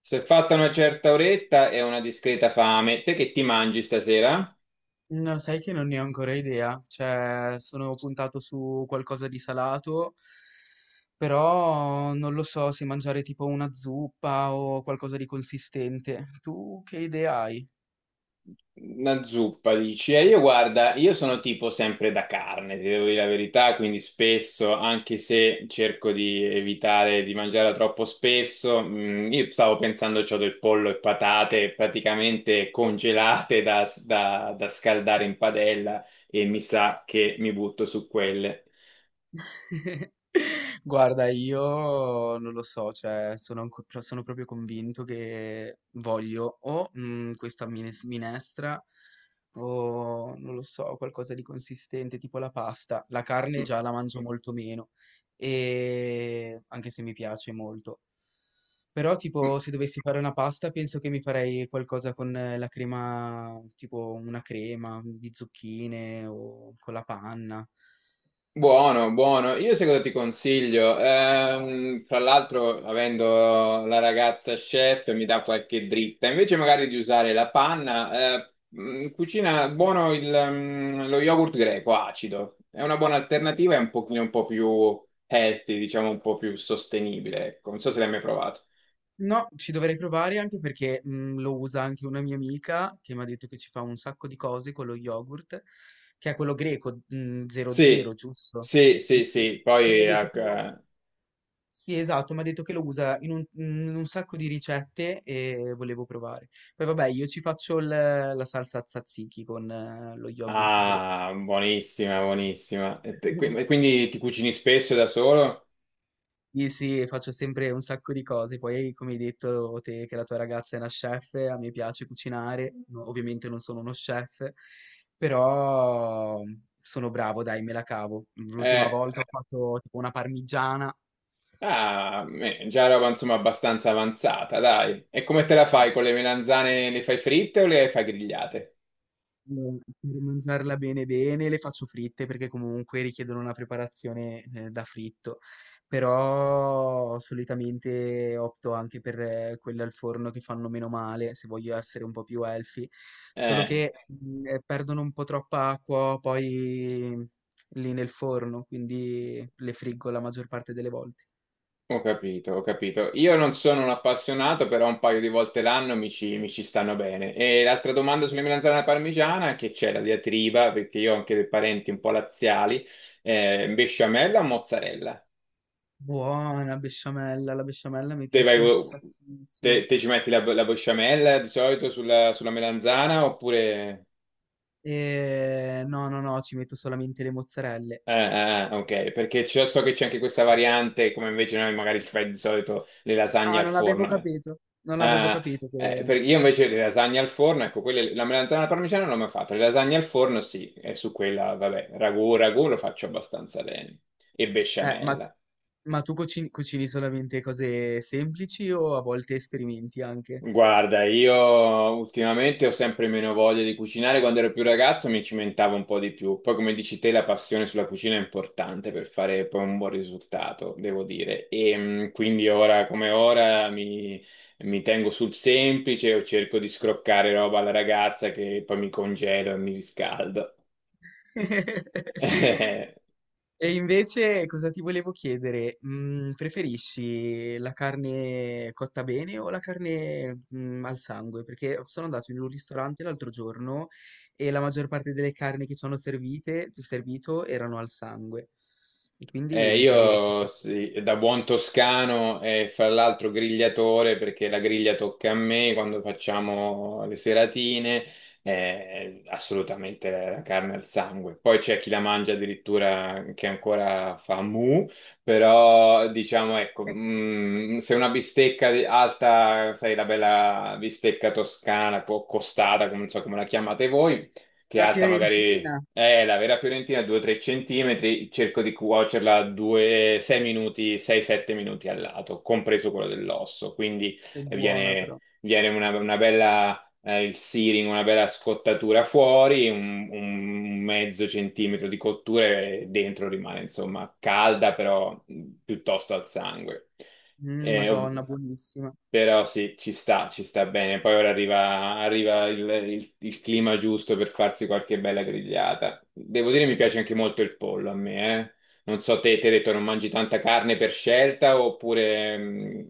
Se è fatta una certa oretta e una discreta fame, te che ti mangi stasera? No, sai che non ne ho ancora idea, cioè sono puntato su qualcosa di salato, però non lo so se mangiare tipo una zuppa o qualcosa di consistente. Tu che idea hai? Una zuppa, dici. E io guarda, io sono tipo sempre da carne, ti devo dire la verità, quindi spesso, anche se cerco di evitare di mangiarla troppo spesso, io stavo pensando c'ho del pollo e patate praticamente congelate da scaldare in padella e mi sa che mi butto su quelle. Guarda, io non lo so, cioè sono, proprio convinto che voglio o questa minestra o non lo so, qualcosa di consistente tipo la pasta. La carne Mm, già la mangio molto meno, anche se mi piace molto. Però mm. tipo se dovessi fare una pasta penso che mi farei qualcosa con la crema, tipo una crema di zucchine o con la panna. Buono, buono. Io sai cosa ti consiglio? Tra l'altro, avendo la ragazza chef, mi dà qualche dritta. Invece magari di usare la panna, cucina buono lo yogurt greco acido. È una buona alternativa, è un pochino un po' più healthy, diciamo un po' più sostenibile. Ecco. Non so se l'hai mai provato. No, ci dovrei provare anche perché, lo usa anche una mia amica che m'ha detto che ci fa un sacco di cose con lo yogurt, che è quello greco, 00, Sì, giusto? sì, sì, Mh. sì. E mi Poi, ha detto che ecco. lo Sì, esatto, m'ha detto che lo usa in un sacco di ricette e volevo provare. Poi vabbè, io ci faccio il la salsa tzatziki con lo yogurt greco. Ah, buonissima, buonissima. E quindi ti cucini spesso da solo? Sì, sì, faccio sempre un sacco di cose. Poi, come hai detto te, che la tua ragazza è una chef, a me piace cucinare. No, ovviamente non sono uno chef, però sono bravo, dai, me la cavo. L'ultima Eh, volta ho fatto tipo una parmigiana. Ah, beh, già roba insomma abbastanza avanzata, dai. E come te la fai con le melanzane? Le fai fritte o le fai grigliate? Allora, per mangiarla bene bene le faccio fritte perché comunque richiedono una preparazione da fritto, però solitamente opto anche per quelle al forno che fanno meno male se voglio essere un po' più healthy, solo Eh, che perdono un po' troppa acqua poi lì nel forno, quindi le friggo la maggior parte delle volte. ho capito, ho capito. Io non sono un appassionato, però un paio di volte l'anno mi ci stanno bene. E l'altra domanda sulle melanzane alla parmigiana, che c'è la diatriba, perché io ho anche dei parenti un po' laziali, besciamella o mozzarella? Buona besciamella, la besciamella mi Te, vai, piace un te, sacchissimo. te ci metti la besciamella di solito sulla melanzana oppure. No, no, no, ci metto solamente le mozzarelle. Ok, perché so che c'è anche questa variante, come invece noi magari ci fai di solito le lasagne Ah, al non avevo forno. capito. Non avevo Ah, capito che. Io invece le lasagne al forno, ecco, quelle, la melanzana alla parmigiana non l'ho mai fatta, le lasagne al forno sì, e su quella, vabbè, ragù lo faccio abbastanza bene, e Ma, besciamella. Tu cucini solamente cose semplici o a volte sperimenti anche? Guarda, io ultimamente ho sempre meno voglia di cucinare. Quando ero più ragazzo mi cimentavo un po' di più. Poi, come dici te, la passione sulla cucina è importante per fare poi un buon risultato, devo dire. E quindi ora come ora mi tengo sul semplice o cerco di scroccare roba alla ragazza che poi mi congelo e mi riscaldo. E invece cosa ti volevo chiedere? Preferisci la carne cotta bene o la carne, al sangue? Perché sono andato in un ristorante l'altro giorno e la maggior parte delle carni che ci hanno servito erano al sangue. E quindi mi chiedevo se io fosse sì, da buon toscano e fra l'altro grigliatore perché la griglia tocca a me quando facciamo le seratine, assolutamente la carne al sangue. Poi c'è chi la mangia addirittura che ancora fa mu, però diciamo ecco, se una bistecca alta, sai, la bella bistecca toscana, costata, come non so come la chiamate voi, che è una alta magari fiorentina. è la vera Fiorentina 2-3 centimetri, cerco di cuocerla 2, 6 minuti, 6-7 minuti al lato, compreso quello dell'osso, quindi Che buona viene, però. viene una bella, il searing, una bella scottatura fuori, un mezzo centimetro di cottura e dentro rimane insomma calda, però piuttosto al sangue. Eh, ov- Madonna, buonissima. però sì, ci sta bene. Poi ora arriva il clima giusto per farsi qualche bella grigliata. Devo dire, mi piace anche molto il pollo a me, eh. Non so, te, ti hai detto non mangi tanta carne per scelta oppure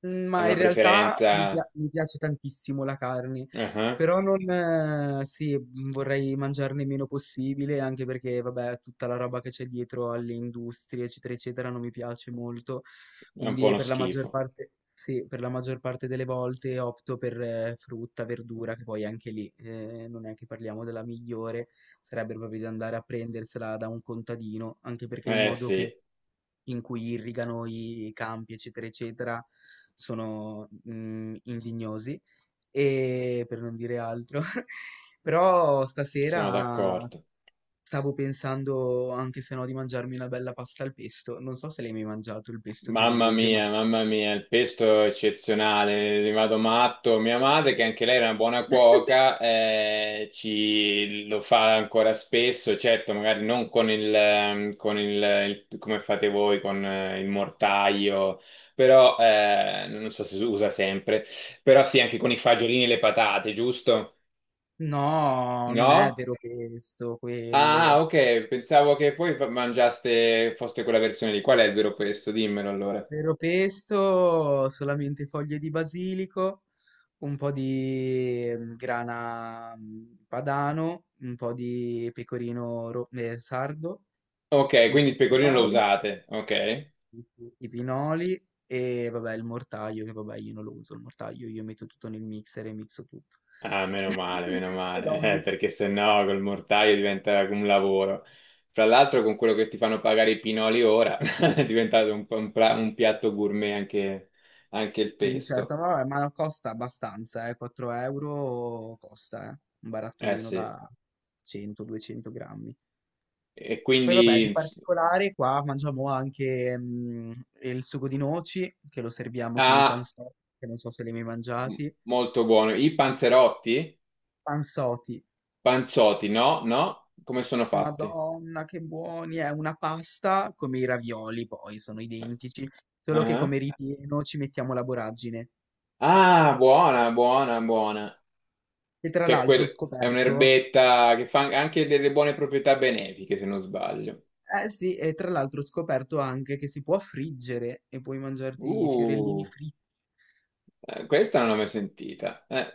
Mhmm, è ma in una realtà mi preferenza? pia mi piace tantissimo la carne, Ah, ah. però non sì, vorrei mangiarne meno possibile, anche perché vabbè, tutta la roba che c'è dietro alle industrie, eccetera, eccetera, non mi piace molto. È un po' Quindi uno per la maggior schifo. parte sì, per la maggior parte delle volte opto per frutta, verdura, che poi anche lì, non è che parliamo della migliore, sarebbe proprio di andare a prendersela da un contadino, anche perché il Eh modo sì, che in cui irrigano i campi, eccetera, eccetera, sono indignosi, e per non dire altro. Però sono stasera d'accordo. stavo pensando anche se no di mangiarmi una bella pasta al pesto. Non so se l'hai mai mangiato il pesto genovese, ma. Mamma mia, il pesto è eccezionale, ne vado matto. Mia madre, che anche lei era una buona cuoca, ci lo fa ancora spesso, certo, magari non con il, come fate voi, con il mortaio, però non so se si usa sempre, però sì, anche con i fagiolini e le patate, giusto? No, non è No? vero pesto Ah, quello. ok, pensavo che voi mangiaste, foste quella versione lì. Qual è il vero pesto? Dimmelo allora. Vero pesto, solamente foglie di basilico, un po' di grana padano, un po' di pecorino sardo, Ok, i quindi il pecorino lo pinoli, usate, ok? i pinoli e vabbè il mortaio, che vabbè io non lo uso il mortaio, io metto tutto nel mixer e mixo tutto. Ah, meno E male, l'olio. perché sennò col mortaio diventa un lavoro. Fra l'altro con quello che ti fanno pagare i pinoli ora è diventato un po' Sì, un piatto gourmet anche, anche il sì, certo, pesto. ma, vabbè, costa abbastanza, 4 € costa, un Eh barattolino sì, da 100-200 grammi. e Poi vabbè, quindi. di particolare qua mangiamo anche il sugo di noci, che lo serviamo con i Ah, panzotti, che non so se li hai mai m- mangiati. molto buono. I panzerotti? Panzotti, Panzotti, no? No? Come sono fatti? madonna che buoni, è una pasta come i ravioli poi, sono Eh, identici, Ah, solo che come ah. ripieno ci mettiamo la voragine. Ah, buona, buona, buona. E tra Che è, l'altro ho è scoperto, un'erbetta che fa anche delle buone proprietà benefiche, se non sbaglio. eh sì, e tra l'altro ho scoperto anche che si può friggere e puoi mangiarti i fiorellini Uh, fritti. Questa non l'ho mai sentita.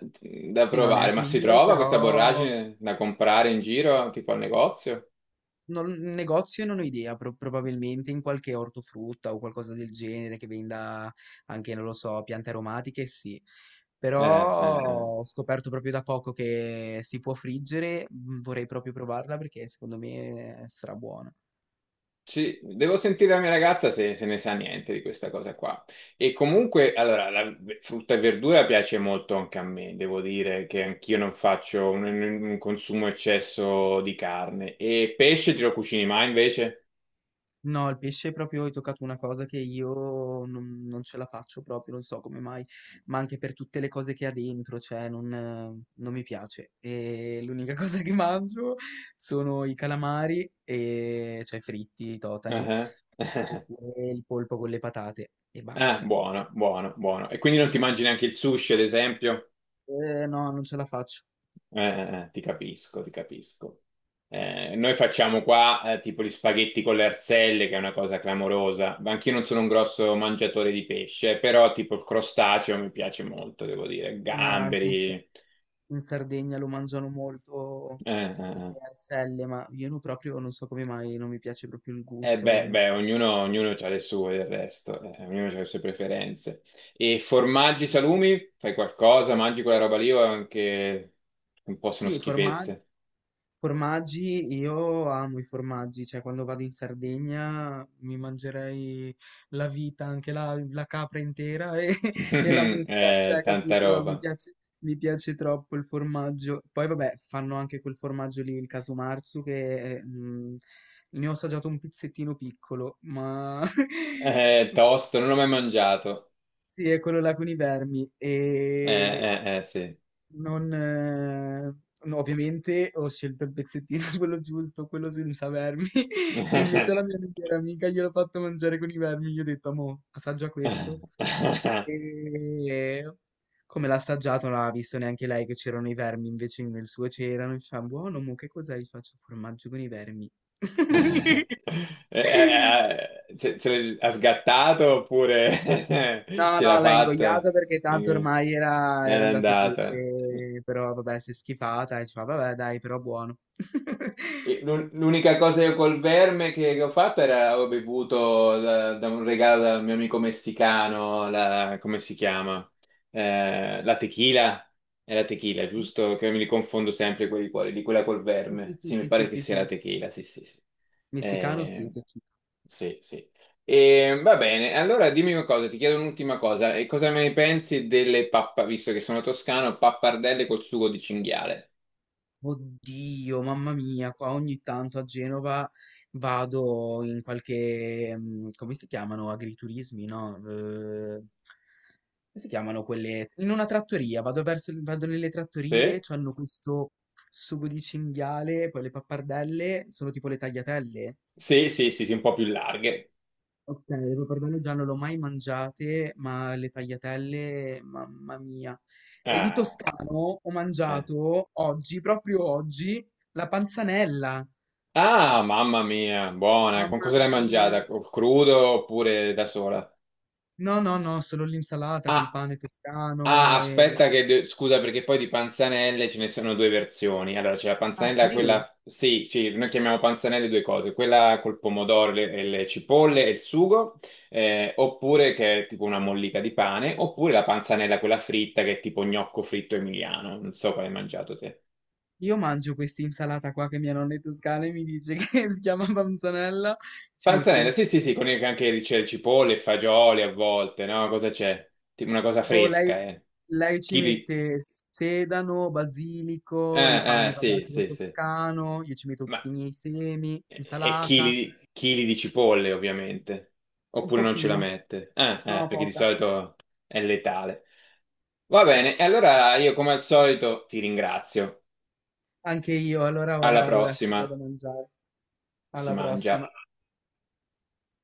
Da Sì, no, provare, neanche ma si io, trova questa però. borragine da comprare in giro, tipo al negozio? Non, In negozio non ho idea, probabilmente in qualche ortofrutta o qualcosa del genere che venda anche, non lo so, piante aromatiche, sì. Eh, Però eh, eh. ho scoperto proprio da poco che si può friggere, vorrei proprio provarla perché secondo me sarà buona. Sì, devo sentire la mia ragazza se ne sa niente di questa cosa qua. E comunque, allora, la frutta e verdura piace molto anche a me, devo dire che anch'io non faccio un consumo eccesso di carne. E pesce te lo cucini mai invece? No, il pesce proprio hai toccato una cosa che io non ce la faccio proprio, non so come mai, ma anche per tutte le cose che ha dentro, cioè non mi piace. E l'unica cosa che mangio sono i calamari, cioè fritti, i totani, Ah, ah. oppure il polpo con le patate e Ah, basta. buono, buono, buono. E quindi non ti mangi neanche il sushi, ad esempio? No, non ce la faccio. Eh, ti capisco, ti capisco. Noi facciamo qua tipo gli spaghetti con le arzelle, che è una cosa clamorosa. Ma anch'io non sono un grosso mangiatore di pesce, però tipo il crostaceo mi piace molto, devo dire. Anche in, Gamberi. Sardegna lo mangiano molto eh, eh. le arselle, ma io proprio non so come mai, non mi piace proprio il Eh gusto. beh, ognuno ha le sue del resto, ognuno ha le sue preferenze. E formaggi, salumi, fai qualcosa, mangi quella roba lì o anche un po' sono Sì, formaggi. schifezze? Formaggi, io amo i formaggi, cioè quando vado in Sardegna mi mangerei la vita, anche la capra intera e, e la mucca, Eh, cioè tanta capito? Roba. Mi piace troppo il formaggio. Poi vabbè, fanno anche quel formaggio lì, il marzu che è, ne ho assaggiato un pizzettino piccolo, ma Tosto, non l'ho mai mangiato. sì, è quello là con i vermi. Eh, E eh, eh, sì. non, no, ovviamente ho scelto il pezzettino, quello giusto, quello senza vermi, e invece alla mia migliore amica gliel'ho fatto mangiare con i vermi. Gli ho detto, mo, assaggia questo. E come l'ha assaggiato, non ha visto neanche lei che c'erano i vermi, invece nel suo c'erano. E fa, buono, mo, che cos'è? Gli faccio formaggio con i vermi. Ce l'ha sgattato oppure No, ce l'ha no, l'ha fatta? ingoiato perché tanto Ok. ormai era Era andato giù, andata. Però vabbè, si è schifata e ci fa, vabbè, dai, però buono. E l'unica cosa io col verme che ho fatto era ho bevuto da un regalo da un mio amico messicano, la, come si chiama? La tequila. È la tequila, giusto? Che mi li confondo sempre quelli cuori, di quella col Sì, sì, verme. sì, Sì, mi sì, sì, pare che sì, sia la sì, tequila, sì, sì, sì. messicano Eh, sì. sì, sì. E, va bene, allora dimmi una cosa, ti chiedo un'ultima cosa. E cosa ne pensi delle pappa, visto che sono toscano, pappardelle col sugo di cinghiale? Oddio, mamma mia, qua ogni tanto a Genova vado in qualche, come si chiamano, agriturismi, no? Come si chiamano quelle? In una trattoria, vado nelle trattorie, Sì, c'hanno questo sugo di cinghiale, poi le pappardelle, sono tipo le tagliatelle. sì, sì, sì, sì, un po' più larghe. Ok, le pappardelle già non le ho mai mangiate, ma le tagliatelle, mamma mia. E di Ah, toscano ho eh. mangiato oggi, proprio oggi, la panzanella. Ah, mamma mia, buona. Con Mamma cosa l'hai mia. mangiata? Crudo oppure da sola? No, no, no, solo l'insalata col Ah, pane ah, toscano aspetta e. che, Scusa, perché poi di panzanelle ce ne sono due versioni. Allora, c'è la Ah panzanella, sì, quella. Sì, sì, noi chiamiamo panzanelle due cose. Quella col pomodoro e le cipolle e il sugo, oppure che è tipo una mollica di pane, oppure la panzanella quella fritta che è tipo gnocco fritto emiliano. Non so quale hai mangiato te. io mangio questa insalata qua che mia nonna è toscana e mi dice che si chiama panzanella, ci mette Panzanella, il... sì, se- sì, sì, con anche c'è le cipolle, fagioli a volte, no? Cosa c'è? Tipo una cosa Boh, fresca, eh. lei ci Chili. mette sedano, basilico, il Eh, pane eh, vabbè sì, quello sì, sì. toscano, io ci metto Ma. tutti i miei semi, E insalata, chili, chili di cipolle, ovviamente. un Oppure non ce la pochino, mette. Eh, eh, no, perché di poca, solito è letale. Va bene, e allora io come al solito ti ringrazio. anche io, allora ora Alla vado adesso, prossima, vado a mangiare, si alla mangia. prossima.